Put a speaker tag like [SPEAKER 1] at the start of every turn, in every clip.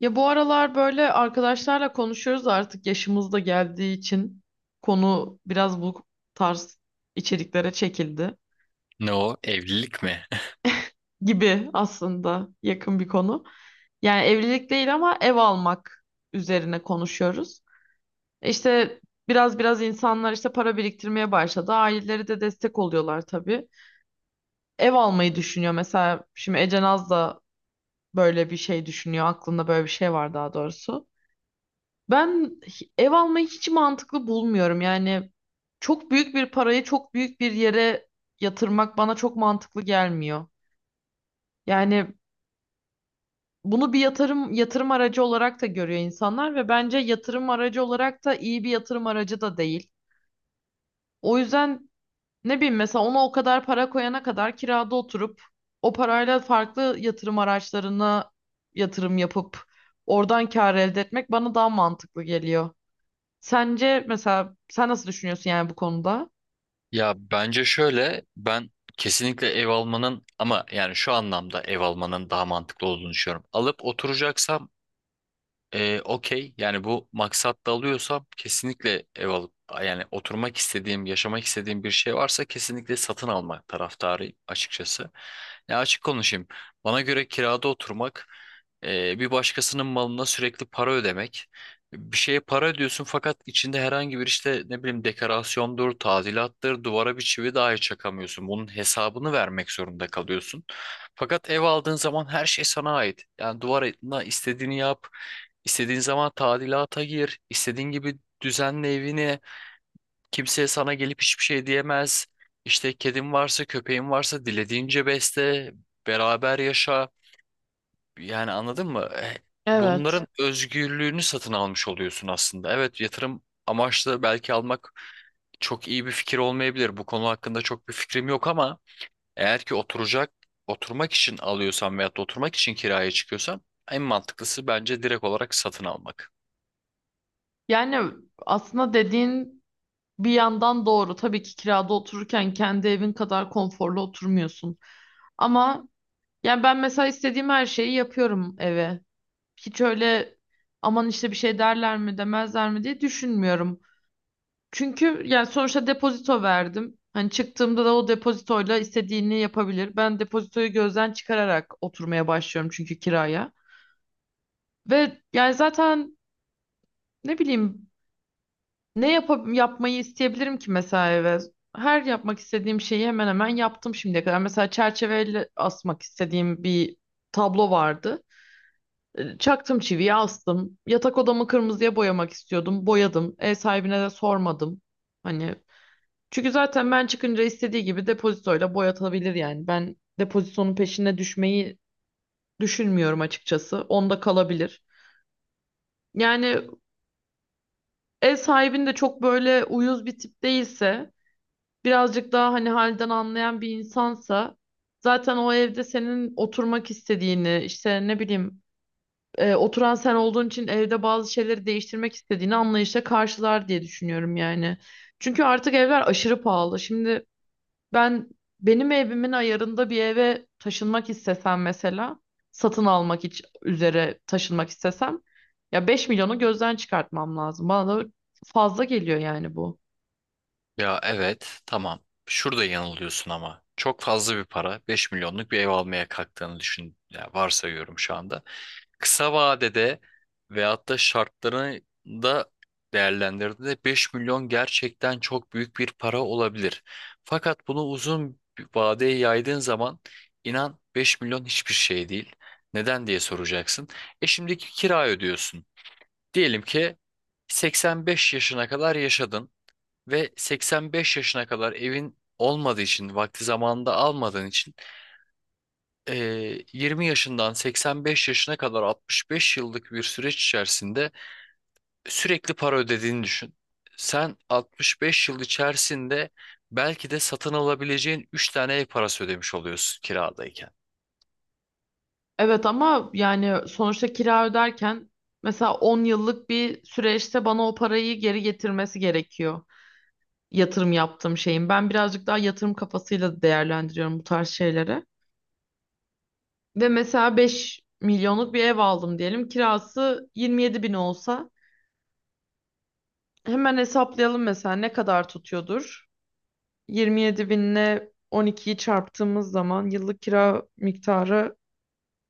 [SPEAKER 1] Ya bu aralar böyle arkadaşlarla konuşuyoruz artık yaşımız da geldiği için konu biraz bu tarz içeriklere çekildi
[SPEAKER 2] Ne o? Evlilik mi?
[SPEAKER 1] gibi aslında yakın bir konu. Yani evlilik değil ama ev almak üzerine konuşuyoruz. İşte biraz insanlar işte para biriktirmeye başladı. Aileleri de destek oluyorlar tabii. Ev almayı düşünüyor mesela şimdi Ece Naz da böyle bir şey düşünüyor. Aklında böyle bir şey var daha doğrusu. Ev almayı hiç mantıklı bulmuyorum. Yani çok büyük bir parayı çok büyük bir yere yatırmak bana çok mantıklı gelmiyor. Yani bunu bir yatırım aracı olarak da görüyor insanlar ve bence yatırım aracı olarak da iyi bir yatırım aracı da değil. O yüzden ne bileyim mesela ona o kadar para koyana kadar kirada oturup o parayla farklı yatırım araçlarına yatırım yapıp oradan kar elde etmek bana daha mantıklı geliyor. Sence mesela sen nasıl düşünüyorsun yani bu konuda?
[SPEAKER 2] Ya bence şöyle, ben kesinlikle ev almanın, ama yani şu anlamda ev almanın daha mantıklı olduğunu düşünüyorum. Alıp oturacaksam, okey, yani bu maksatla alıyorsam kesinlikle ev alıp yani oturmak istediğim, yaşamak istediğim bir şey varsa kesinlikle satın alma taraftarıyım açıkçası. Ya açık konuşayım. Bana göre kirada oturmak bir başkasının malına sürekli para ödemek. Bir şeye para ödüyorsun fakat içinde herhangi bir işte ne bileyim dekorasyondur, tadilattır, duvara bir çivi dahi çakamıyorsun. Bunun hesabını vermek zorunda kalıyorsun. Fakat ev aldığın zaman her şey sana ait. Yani duvarına istediğini yap. İstediğin zaman tadilata gir, istediğin gibi düzenle evini. Kimseye sana gelip hiçbir şey diyemez. İşte kedin varsa, köpeğin varsa dilediğince besle, beraber yaşa. Yani anladın mı?
[SPEAKER 1] Evet.
[SPEAKER 2] Bunların özgürlüğünü satın almış oluyorsun aslında. Evet, yatırım amaçlı belki almak çok iyi bir fikir olmayabilir. Bu konu hakkında çok bir fikrim yok ama eğer ki oturacak, oturmak için alıyorsan veyahut da oturmak için kiraya çıkıyorsan en mantıklısı bence direkt olarak satın almak.
[SPEAKER 1] Yani aslında dediğin bir yandan doğru. Tabii ki kirada otururken kendi evin kadar konforlu oturmuyorsun. Ama yani ben mesela istediğim her şeyi yapıyorum eve. Hiç öyle aman işte bir şey derler mi demezler mi diye düşünmüyorum. Çünkü yani sonuçta depozito verdim. Hani çıktığımda da o depozitoyla istediğini yapabilir. Ben depozitoyu gözden çıkararak oturmaya başlıyorum çünkü kiraya. Ve yani zaten ne bileyim ne yapmayı isteyebilirim ki mesela eve? Her yapmak istediğim şeyi hemen hemen yaptım şimdiye kadar. Mesela çerçeveyle asmak istediğim bir tablo vardı. Çaktım çiviyi astım. Yatak odamı kırmızıya boyamak istiyordum. Boyadım. Ev sahibine de sormadım. Hani çünkü zaten ben çıkınca istediği gibi depozitoyla boyatabilir yani. Ben depozitonun peşine düşmeyi düşünmüyorum açıkçası. Onda kalabilir. Yani ev sahibin de çok böyle uyuz bir tip değilse, birazcık daha hani halden anlayan bir insansa zaten o evde senin oturmak istediğini, işte ne bileyim oturan sen olduğun için evde bazı şeyleri değiştirmek istediğini anlayışla karşılar diye düşünüyorum yani. Çünkü artık evler aşırı pahalı. Şimdi ben benim evimin ayarında bir eve taşınmak istesem mesela üzere taşınmak istesem ya beş milyonu gözden çıkartmam lazım. Bana da fazla geliyor yani bu.
[SPEAKER 2] Ya evet, tamam. Şurada yanılıyorsun ama. Çok fazla bir para. 5 milyonluk bir ev almaya kalktığını düşün. Ya, varsayıyorum şu anda. Kısa vadede veyahut da şartlarını da değerlendirdiğinde 5 milyon gerçekten çok büyük bir para olabilir. Fakat bunu uzun bir vadeye yaydığın zaman inan 5 milyon hiçbir şey değil. Neden diye soracaksın. E, şimdiki kira ödüyorsun. Diyelim ki 85 yaşına kadar yaşadın. Ve 85 yaşına kadar evin olmadığı için, vakti zamanında almadığın için, 20 yaşından 85 yaşına kadar 65 yıllık bir süreç içerisinde sürekli para ödediğini düşün. Sen 65 yıl içerisinde belki de satın alabileceğin 3 tane ev parası ödemiş oluyorsun kiradayken.
[SPEAKER 1] Evet ama yani sonuçta kira öderken mesela 10 yıllık bir süreçte bana o parayı geri getirmesi gerekiyor. Yatırım yaptığım şeyin. Ben birazcık daha yatırım kafasıyla değerlendiriyorum bu tarz şeyleri. Ve mesela 5 milyonluk bir ev aldım diyelim. Kirası 27 bin olsa hemen hesaplayalım mesela ne kadar tutuyordur. 27 binle 12'yi çarptığımız zaman yıllık kira miktarı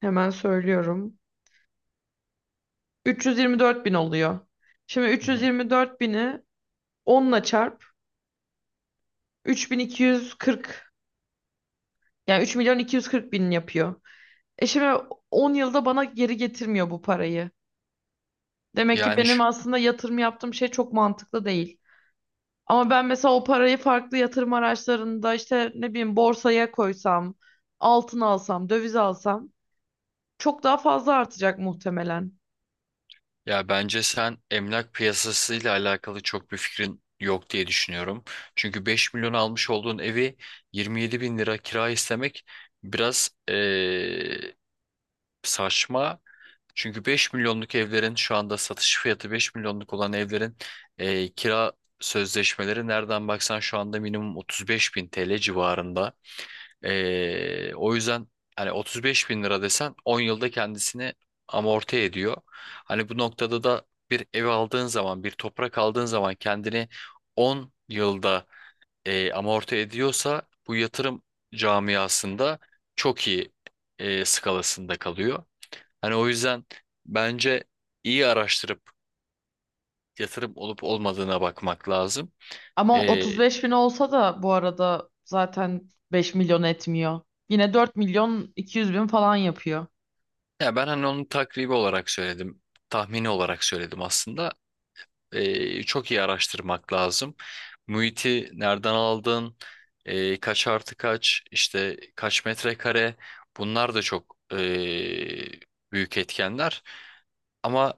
[SPEAKER 1] hemen söylüyorum. 324 bin oluyor. Şimdi
[SPEAKER 2] Hı hı.
[SPEAKER 1] 324 bini onla çarp. 3.240 yani 3 milyon 240 bin yapıyor. E şimdi 10 yılda bana geri getirmiyor bu parayı. Demek ki
[SPEAKER 2] Yani
[SPEAKER 1] benim
[SPEAKER 2] şu
[SPEAKER 1] aslında yatırım yaptığım şey çok mantıklı değil. Ama ben mesela o parayı farklı yatırım araçlarında işte ne bileyim borsaya koysam, altın alsam, döviz alsam çok daha fazla artacak muhtemelen.
[SPEAKER 2] Ya bence sen emlak piyasasıyla alakalı çok bir fikrin yok diye düşünüyorum. Çünkü 5 milyon almış olduğun evi 27 bin lira kira istemek biraz saçma. Çünkü 5 milyonluk evlerin şu anda satış fiyatı, 5 milyonluk olan evlerin kira sözleşmeleri nereden baksan şu anda minimum 35 bin TL civarında. O yüzden hani 35 bin lira desen 10 yılda kendisini amorti ediyor. Hani bu noktada da bir ev aldığın zaman, bir toprak aldığın zaman kendini 10 yılda amorti ediyorsa bu yatırım camiasında çok iyi skalasında kalıyor. Hani o yüzden bence iyi araştırıp yatırım olup olmadığına bakmak lazım.
[SPEAKER 1] Ama
[SPEAKER 2] Ee,
[SPEAKER 1] 35 bin olsa da bu arada zaten 5 milyon etmiyor. Yine 4 milyon 200 bin falan yapıyor.
[SPEAKER 2] Ya ben hani onun takribi olarak söyledim, tahmini olarak söyledim aslında. Çok iyi araştırmak lazım. Muhiti nereden aldın? E, kaç artı kaç? İşte kaç metrekare? Bunlar da çok büyük etkenler. Ama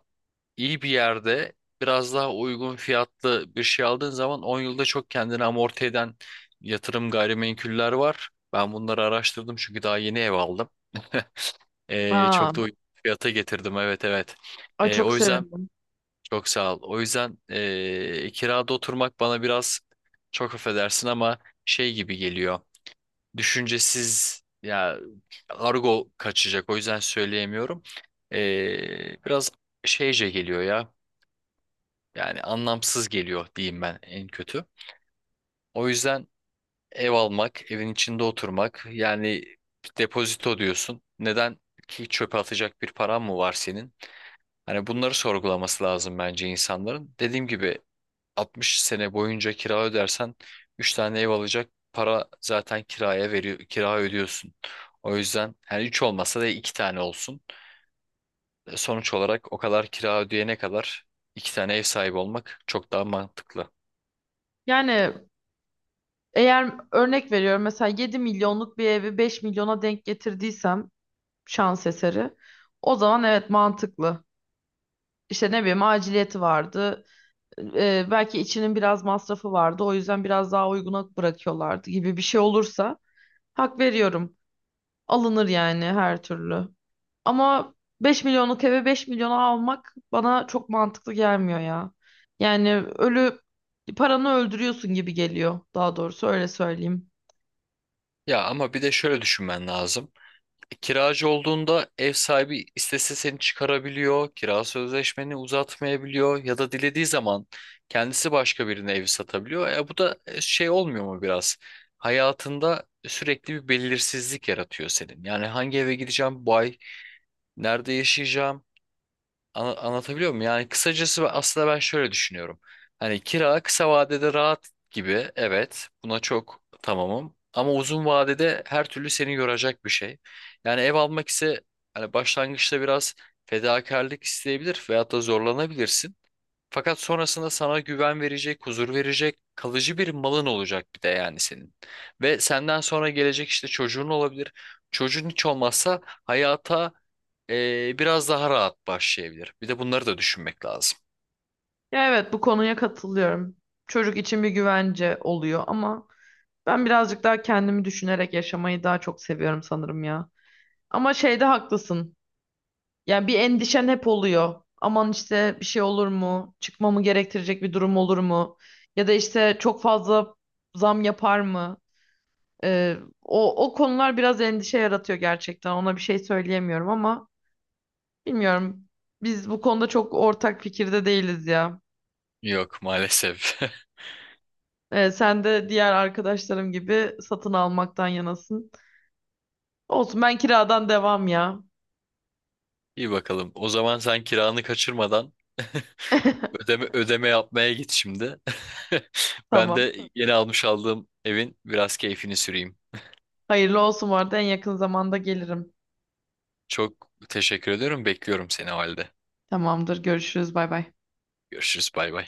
[SPEAKER 2] iyi bir yerde biraz daha uygun fiyatlı bir şey aldığın zaman 10 yılda çok kendini amorti eden yatırım gayrimenkuller var. Ben bunları araştırdım çünkü daha yeni ev aldım. E,
[SPEAKER 1] Aa,
[SPEAKER 2] çok da uygun fiyata getirdim, evet evet.
[SPEAKER 1] ay
[SPEAKER 2] E,
[SPEAKER 1] çok
[SPEAKER 2] o yüzden
[SPEAKER 1] sevindim.
[SPEAKER 2] çok sağ ol. O yüzden kirada oturmak bana biraz, çok affedersin ama, şey gibi geliyor. Düşüncesiz ya, argo kaçacak. O yüzden söyleyemiyorum. Biraz şeyce geliyor ya. Yani anlamsız geliyor diyeyim ben en kötü. O yüzden ev almak, evin içinde oturmak yani. Depozito diyorsun. Neden ki, çöpe atacak bir paran mı var senin? Hani bunları sorgulaması lazım bence insanların. Dediğim gibi 60 sene boyunca kira ödersen 3 tane ev alacak para zaten kiraya veriyor, kira ödüyorsun. O yüzden hani 3 olmasa da 2 tane olsun. Sonuç olarak o kadar kira ödeyene kadar 2 tane ev sahibi olmak çok daha mantıklı.
[SPEAKER 1] Yani eğer örnek veriyorum mesela 7 milyonluk bir evi 5 milyona denk getirdiysem şans eseri o zaman evet mantıklı. İşte ne bileyim aciliyeti vardı. Belki içinin biraz masrafı vardı. O yüzden biraz daha uyguna bırakıyorlardı gibi bir şey olursa hak veriyorum. Alınır yani her türlü. Ama 5 milyonluk eve 5 milyona almak bana çok mantıklı gelmiyor ya. Yani ölü paranı öldürüyorsun gibi geliyor. Daha doğrusu öyle söyleyeyim.
[SPEAKER 2] Ya ama bir de şöyle düşünmen lazım. Kiracı olduğunda ev sahibi istese seni çıkarabiliyor, kira sözleşmeni uzatmayabiliyor ya da dilediği zaman kendisi başka birine evi satabiliyor. E, bu da şey olmuyor mu biraz? Hayatında sürekli bir belirsizlik yaratıyor senin. Yani hangi eve gideceğim bu ay, nerede yaşayacağım, anlatabiliyor muyum? Yani kısacası aslında ben şöyle düşünüyorum. Hani kira kısa vadede rahat gibi. Evet, buna çok tamamım. Ama uzun vadede her türlü seni yoracak bir şey. Yani ev almak ise hani başlangıçta biraz fedakarlık isteyebilir veyahut da zorlanabilirsin. Fakat sonrasında sana güven verecek, huzur verecek, kalıcı bir malın olacak bir de yani senin. Ve senden sonra gelecek işte çocuğun olabilir. Çocuğun hiç olmazsa hayata biraz daha rahat başlayabilir. Bir de bunları da düşünmek lazım.
[SPEAKER 1] Ya evet bu konuya katılıyorum. Çocuk için bir güvence oluyor ama ben birazcık daha kendimi düşünerek yaşamayı daha çok seviyorum sanırım ya. Ama şeyde haklısın. Yani bir endişen hep oluyor. Aman işte bir şey olur mu? Çıkmamı gerektirecek bir durum olur mu? Ya da işte çok fazla zam yapar mı? Ee, o konular biraz endişe yaratıyor gerçekten. Ona bir şey söyleyemiyorum ama bilmiyorum. Biz bu konuda çok ortak fikirde değiliz ya.
[SPEAKER 2] Yok maalesef.
[SPEAKER 1] Sen de diğer arkadaşlarım gibi satın almaktan yanasın. Olsun ben kiradan devam ya.
[SPEAKER 2] İyi bakalım. O zaman sen kiranı kaçırmadan ödeme yapmaya git şimdi. Ben
[SPEAKER 1] Tamam.
[SPEAKER 2] de yeni aldığım evin biraz keyfini süreyim.
[SPEAKER 1] Hayırlı olsun bu arada en yakın zamanda gelirim.
[SPEAKER 2] Çok teşekkür ediyorum. Bekliyorum seni o halde.
[SPEAKER 1] Tamamdır. Görüşürüz. Bay bay.
[SPEAKER 2] Görüşürüz. Bay bay.